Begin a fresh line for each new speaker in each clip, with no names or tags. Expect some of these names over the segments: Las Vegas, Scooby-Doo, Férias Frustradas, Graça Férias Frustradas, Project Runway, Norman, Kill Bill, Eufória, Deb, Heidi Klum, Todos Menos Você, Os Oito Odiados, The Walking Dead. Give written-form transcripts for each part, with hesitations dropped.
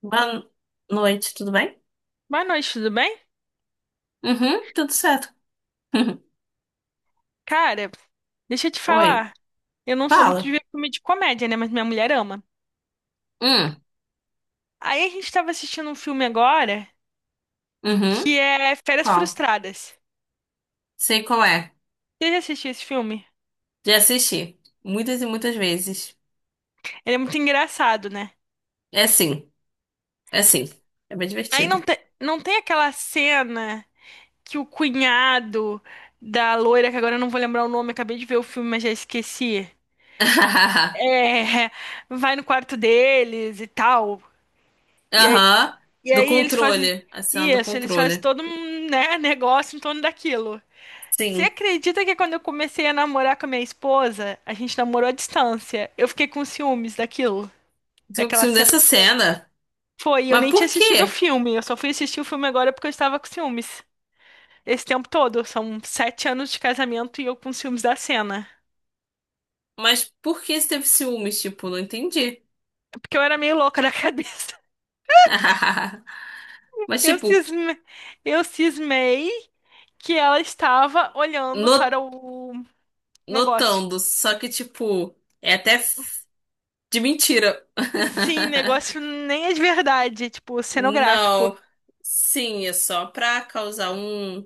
Boa noite, tudo bem?
Boa noite, tudo bem?
Uhum, tudo certo.
Cara, deixa eu te
Oi,
falar. Eu não sou muito de
fala.
ver filme de comédia, né? Mas minha mulher ama.
Hum,
Aí a gente tava assistindo um filme agora
uhum,
que é Férias
qual?
Frustradas.
Sei qual é.
Você já assistiu esse filme?
Já assisti muitas e muitas vezes.
Ele é muito engraçado, né?
É sim, é sim. É bem
Aí
divertido.
não, não tem aquela cena que o cunhado da loira, que agora eu não vou lembrar o nome, acabei de ver o filme, mas já esqueci. É, vai no quarto deles e tal. E aí
Aham,
E
do
aí eles fazem
controle. A cena do
isso, eles fazem
controle.
todo um, né, negócio em torno daquilo. Você
Sim,
acredita que quando eu comecei a namorar com a minha esposa, a gente namorou à distância? Eu fiquei com ciúmes daquilo,
eu
daquela
ciúme
cena.
dessa cena.
Foi, e eu
Mas
nem tinha
por
assistido o
quê?
filme, eu só fui assistir o filme agora porque eu estava com ciúmes. Esse tempo todo, são 7 anos de casamento e eu com ciúmes da cena.
Mas por que você teve ciúmes? Tipo, não entendi.
Porque eu era meio louca da cabeça.
Mas,
Eu
tipo,
cisme... eu cismei que ela estava olhando
no-
para o negócio.
notando. Só que, tipo, é até de mentira.
Sim, negócio nem é de verdade, tipo, cenográfico.
Não. Sim, é só pra causar um,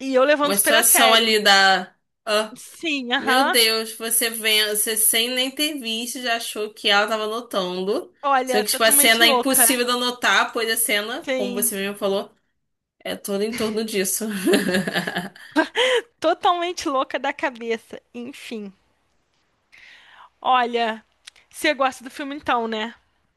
E eu levando
uma
super a
situação
sério.
ali da. Ah,
Sim,
meu
aham.
Deus, você vem, você sem nem ter visto, já achou que ela tava notando.
Olha,
Sendo que, tipo, a cena
totalmente
é
louca.
impossível de anotar, pois a cena, como você
Sim,
mesmo falou, é toda em torno disso.
totalmente louca da cabeça. Enfim, olha, você gosta do filme então, né?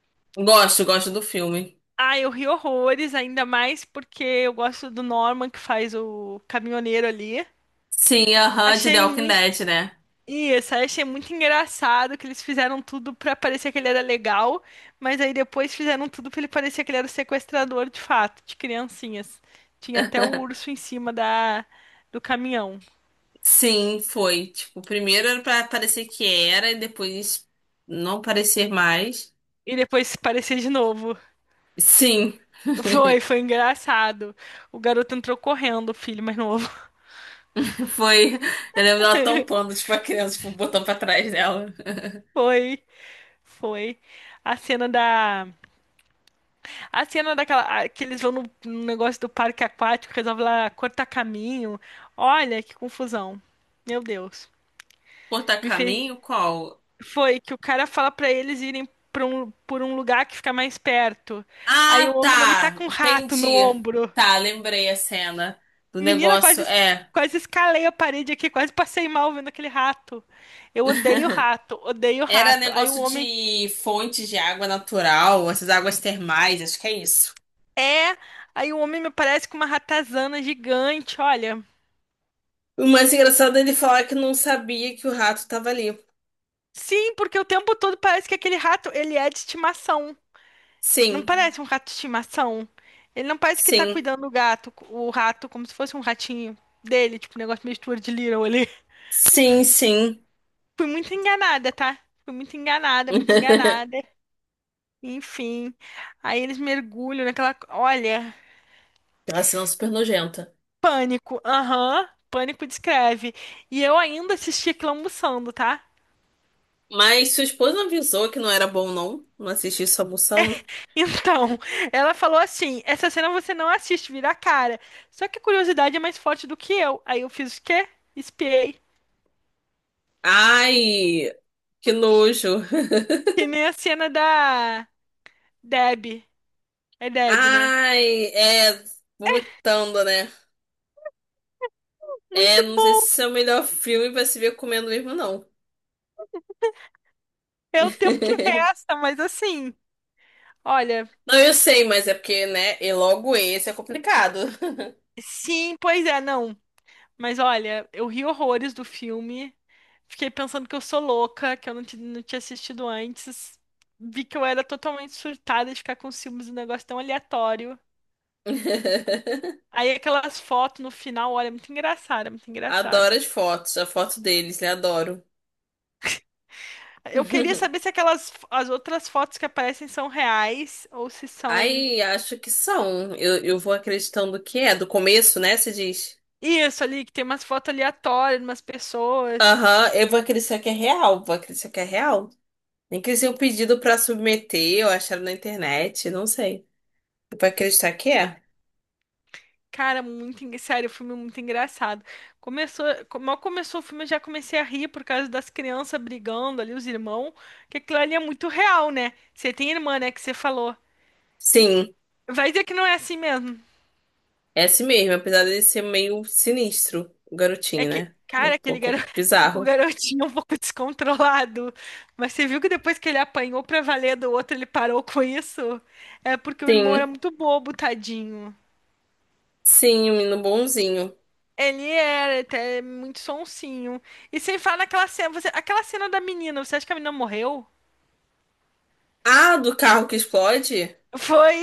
Gosto, gosto do filme.
Ah, eu ri horrores, ainda mais porque eu gosto do Norman que faz o caminhoneiro ali.
Sim, aham, de
Achei
The Walking
muito
Dead, né?
E essa eu só achei muito engraçado que eles fizeram tudo pra parecer que ele era legal, mas aí depois fizeram tudo pra ele parecer que ele era o sequestrador de fato, de criancinhas. Tinha até o urso em cima da do caminhão.
Sim, foi. Tipo, primeiro era pra parecer que era e depois não parecer mais.
E depois parecia de novo.
Sim,
Foi, foi engraçado. O garoto entrou correndo, o filho mais novo.
foi. Eu lembro dela tampando, tipo, a criança, tipo, botando pra trás dela.
Foi, foi. A cena da a cena daquela que eles vão no negócio do parque aquático, resolve lá cortar caminho. Olha que confusão. Meu Deus.
Cortar
Me fez...
caminho? Qual?
Foi que o cara fala pra eles irem pra um, por um lugar que fica mais perto. Aí
Ah,
o homem não me tá
tá.
com um rato no
Entendi.
ombro.
Tá, lembrei a cena do
Menina,
negócio.
quase,
É.
quase escalei a parede aqui, quase passei mal vendo aquele rato. Eu odeio rato, odeio
Era
rato. Aí o
negócio
homem
de fontes de água natural, essas águas termais, acho que é isso.
é. Aí o homem me parece com uma ratazana gigante, olha.
O mais engraçado é ele falar que não sabia que o rato tava ali.
Sim, porque o tempo todo parece que aquele rato, ele é de estimação. Não
Sim,
parece um rato de estimação. Ele não parece que tá
sim.
cuidando do gato, o rato, como se fosse um ratinho dele, tipo um negócio meio de Little ali.
Sim, sim.
Fui muito enganada, tá? Fui muito enganada, muito enganada. Enfim. Aí eles mergulham naquela. Olha,
Aquela cena super nojenta.
pânico. Aham. Pânico descreve. E eu ainda assisti aquilo almoçando, tá?
Mas sua esposa avisou que não era bom, não? Não assistir isso almoçando?
Então, ela falou assim: essa cena você não assiste, vira a cara. Só que a curiosidade é mais forte do que eu. Aí eu fiz o quê? Espiei.
Ai, que nojo.
Que nem a cena da Deb, é Deb, né?
Ai, é. Vomitando, né? É,
Muito
não sei se
bom.
esse é o melhor filme pra se ver comendo mesmo, não.
É o tempo que resta, mas assim, olha,
Não, eu sei, mas é porque, né? E logo esse é complicado.
sim, pois é, não. Mas olha, eu ri horrores do filme. Fiquei pensando que eu sou louca, que eu não, não tinha assistido antes. Vi que eu era totalmente surtada de ficar com ciúmes de um negócio tão aleatório. Aí aquelas fotos no final, olha, é muito engraçado, é muito engraçado.
Adoro as fotos, a foto deles, né? Adoro.
Eu queria saber se aquelas as outras fotos que aparecem são reais ou se são.
Ai, acho que são. Eu vou acreditando que é. Do começo, né? Você diz.
Isso ali, que tem umas fotos aleatórias de umas pessoas.
Aham, eu vou acreditar que é real. Vou acreditar que é real. Nem que seja um pedido pra submeter ou achar na internet, não sei. Eu vou acreditar que é.
Cara, muito, sério, o filme é muito engraçado. Começou, mal começou o filme, eu já comecei a rir por causa das crianças brigando ali, os irmãos. Que aquilo ali é muito real, né? Você tem irmã, né, que você falou.
Sim,
Vai dizer que não é assim mesmo.
é assim mesmo. Apesar de ser meio sinistro, o
É
garotinho,
que,
né? Ele é um
cara, aquele
pouco
garoto, o
bizarro.
garotinho é um pouco descontrolado. Mas você viu que depois que ele apanhou pra valer do outro, ele parou com isso? É porque o irmão era
Sim,
muito bobo, tadinho.
sim, um menino bonzinho.
Ele era até muito sonsinho. E sem falar naquela cena, aquela cena da menina, você acha que a menina morreu?
Ah, do carro que explode?
Foi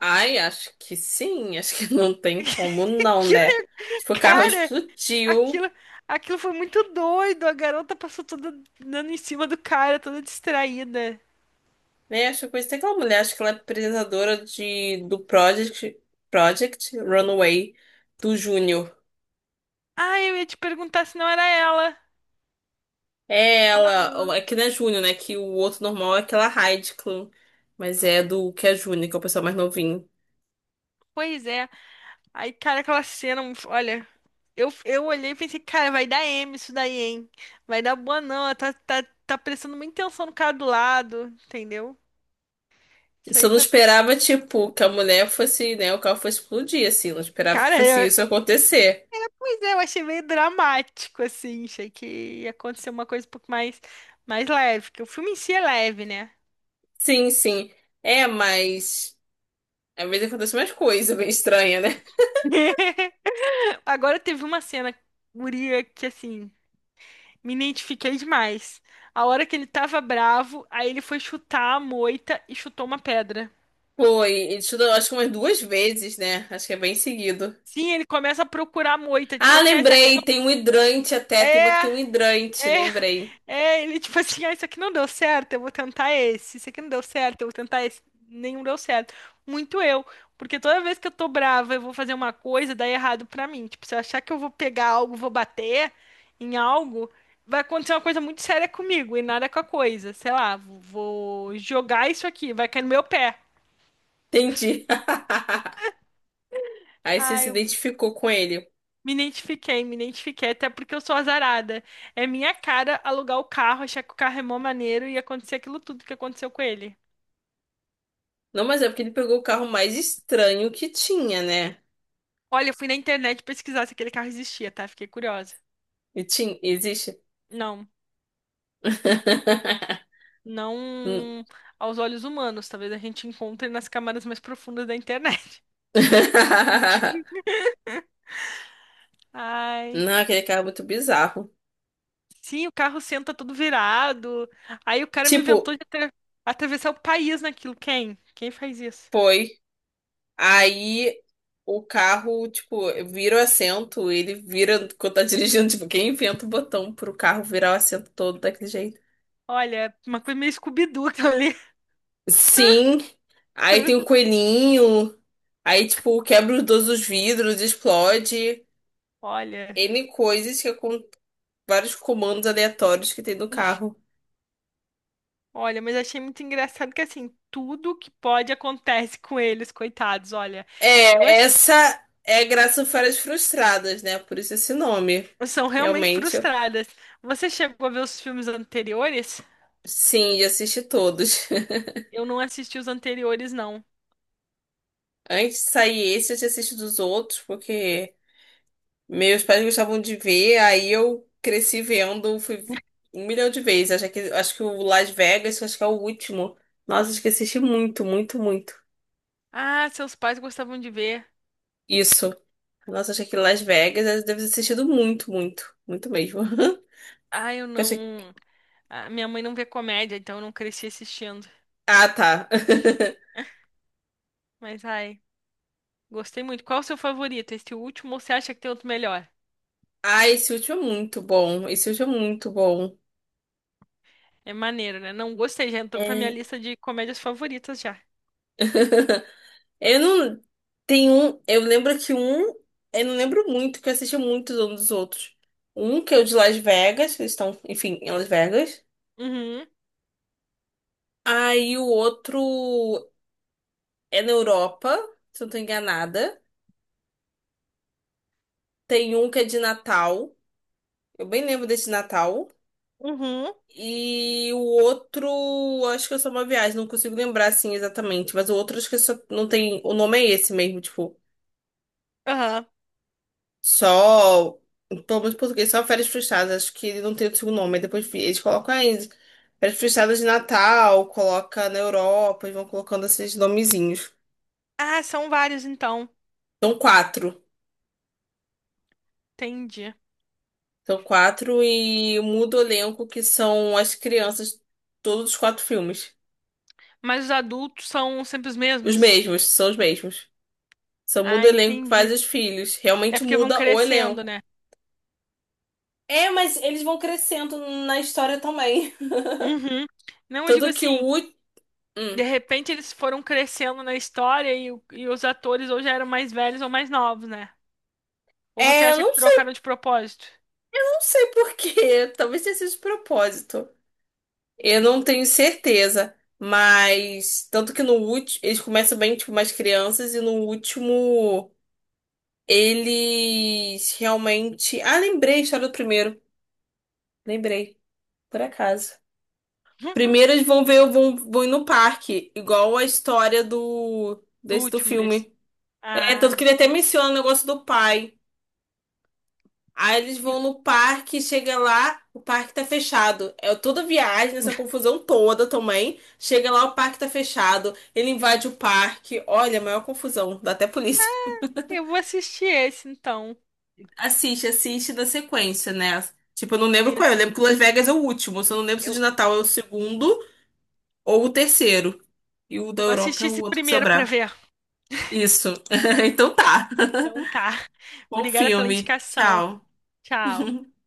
Ai, acho que sim. Acho que não tem como não,
aquilo,
né? Tipo, o carro
cara,
explodiu.
aquilo, aquilo foi muito doido. A garota passou toda dando em cima do cara, toda distraída.
Né? Acho que tem aquela mulher, acho que ela é apresentadora de, do Project, Project Runway do Júnior.
Ah, eu ia te perguntar se não era ela.
É ela, ó, é que não é Júnior, né? Que o outro normal é aquela Heidi Klum. Mas é do que é Júnior, que é o pessoal mais novinho.
Pois é. Aí, cara, aquela cena, olha, eu olhei e pensei, cara, vai dar M isso daí, hein? Vai dar boa não, ela tá prestando muita atenção no cara do lado, entendeu? Isso
Só
aí
não
tá.
esperava, tipo, que a mulher fosse, né? O carro fosse explodir, assim. Não esperava que
Cara,
fosse
é,
isso acontecer.
É, eu achei meio dramático, assim. Achei que ia acontecer uma coisa um pouco mais leve, que o filme em si é leve, né?
Sim, sim. É, mas. Às vezes acontece mais coisa bem estranha, né?
Agora teve uma cena, guria, que assim, me identifiquei demais. A hora que ele tava bravo, aí ele foi chutar a moita e chutou uma pedra.
Foi, e tudo, acho que umas duas vezes, né? Acho que é bem seguido.
Sim, ele começa a procurar a moita, tipo
Ah,
assim, ah, essa aqui
lembrei,
não.
tem um hidrante até,
É,
tem uma que tem um hidrante,
é.
lembrei.
É, ele tipo assim, ah, isso aqui não deu certo, eu vou tentar esse. Isso aqui não deu certo, eu vou tentar esse. Nenhum deu certo. Muito eu, porque toda vez que eu tô brava, eu vou fazer uma coisa, dá errado pra mim. Tipo, se eu achar que eu vou pegar algo, vou bater em algo, vai acontecer uma coisa muito séria comigo e nada com a coisa. Sei lá, vou jogar isso aqui, vai cair no meu pé.
Entendi. Aí você
Ah,
se
eu
identificou com ele.
me identifiquei, até porque eu sou azarada. É minha cara alugar o carro, achar que o carro é mó maneiro e acontecer aquilo tudo que aconteceu com ele.
Não, mas é porque ele pegou o carro mais estranho que tinha, né?
Olha, eu fui na internet pesquisar se aquele carro existia, tá? Fiquei curiosa.
E tinha, existe?
Não,
Hum.
não aos olhos humanos. Talvez a gente encontre nas camadas mais profundas da internet. Ai.
Não, aquele carro é muito bizarro.
Sim, o carro senta todo virado. Aí o cara me
Tipo,
inventou de atravessar o país naquilo. Quem? Quem faz isso?
foi. Aí o carro, tipo, vira o assento, ele vira quando tá dirigindo. Tipo, quem inventa o botão pro carro virar o assento todo daquele jeito?
Olha, uma coisa meio Scooby-Doo aquilo ali.
Sim. Aí tem o coelhinho. Aí, tipo, quebra os dois os vidros, explode.
Olha,
N coisas que é com vários comandos aleatórios que tem no carro.
olha, mas achei muito engraçado que assim, tudo que pode acontece com eles, coitados. Olha, eu
É, essa é Graça Férias Frustradas, né? Por isso esse nome.
São realmente
Realmente,
frustradas. Você chegou a ver os filmes anteriores?
sim, já assisti todos.
Eu não assisti os anteriores, não.
Antes de sair esse, eu já assisti dos outros, porque meus pais gostavam de ver, aí eu cresci vendo, fui um milhão de vezes. Acho que o Las Vegas, acho que é o último. Nossa, acho que assisti muito, muito, muito.
Ah, seus pais gostavam de ver.
Isso. Nossa, acho que Las Vegas eu devo ter assistido muito, muito, muito mesmo.
Ah, eu
Eu achei-
não. Ah, minha mãe não vê comédia, então eu não cresci assistindo.
Ah, tá.
Mas, ai, gostei muito. Qual o seu favorito? Esse último ou você acha que tem outro melhor?
Ah, esse último é muito bom. Esse último é muito bom.
É maneiro, né? Não gostei, já entrou pra minha
É.
lista de comédias favoritas já.
Eu não. Tem um. Eu lembro que um. Eu não lembro muito, que eu assisti muitos um dos outros. Um que é o de Las Vegas, que eles estão, enfim, em Las Vegas.
Uhum,
Aí o outro é na Europa, se eu não tô enganada. Tem um que é de Natal. Eu bem lembro desse Natal.
uhum,
E o outro, acho que é só uma viagem, não consigo lembrar assim exatamente. Mas o outro, acho que é só não tem. O nome é esse mesmo, tipo.
aham.
Só, pelo menos em português, só Férias Frustradas. Acho que ele não tem o segundo nome. Aí depois eles colocam aí Férias Frustradas de Natal, coloca na Europa e vão colocando esses nomezinhos.
Ah, são vários então.
São quatro.
Entendi.
São quatro e muda o elenco que são as crianças, todos os quatro filmes.
Mas os adultos são sempre os
Os
mesmos?
mesmos, são os mesmos. Só muda
Ah,
o elenco que faz
entendi.
os filhos.
É
Realmente
porque vão
muda o
crescendo,
elenco.
né?
É, mas eles vão crescendo na história também.
Uhum. Não, eu digo
Tanto que o
assim,
último.
de repente eles foram crescendo na história e, e os atores ou já eram mais velhos ou mais novos, né? Ou você
É, eu
acha
não
que
sei.
trocaram de propósito?
Não sei por quê, talvez tenha sido de propósito. Eu não tenho certeza, mas tanto que no último, eles começam bem, tipo, mais crianças e no último eles realmente, ah, lembrei a história do primeiro. Lembrei, por acaso. Primeiro eles vão ver, vão ir no parque, igual a história do
Do
desse do
último desse.
filme. É, tanto que
Ah,
ele até menciona o negócio do pai. Aí eles
e-
vão no parque, chega lá, o parque tá fechado. É toda viagem, essa confusão toda também. Chega lá, o parque tá fechado. Ele invade o parque. Olha, a maior confusão, dá até polícia.
eu vou assistir esse então.
Assiste, assiste da sequência, né? Tipo, eu não lembro qual é. Eu
Isso.
lembro que Las Vegas é o último. Eu só não lembro se o de
Eu
Natal é o segundo ou o terceiro. E o da
vou
Europa
assistir
é o
esse
outro que
primeiro pra
sobrar.
ver.
Isso. Então tá.
Então tá.
Bom
Obrigada pela
filme.
indicação.
Tchau.
Tchau.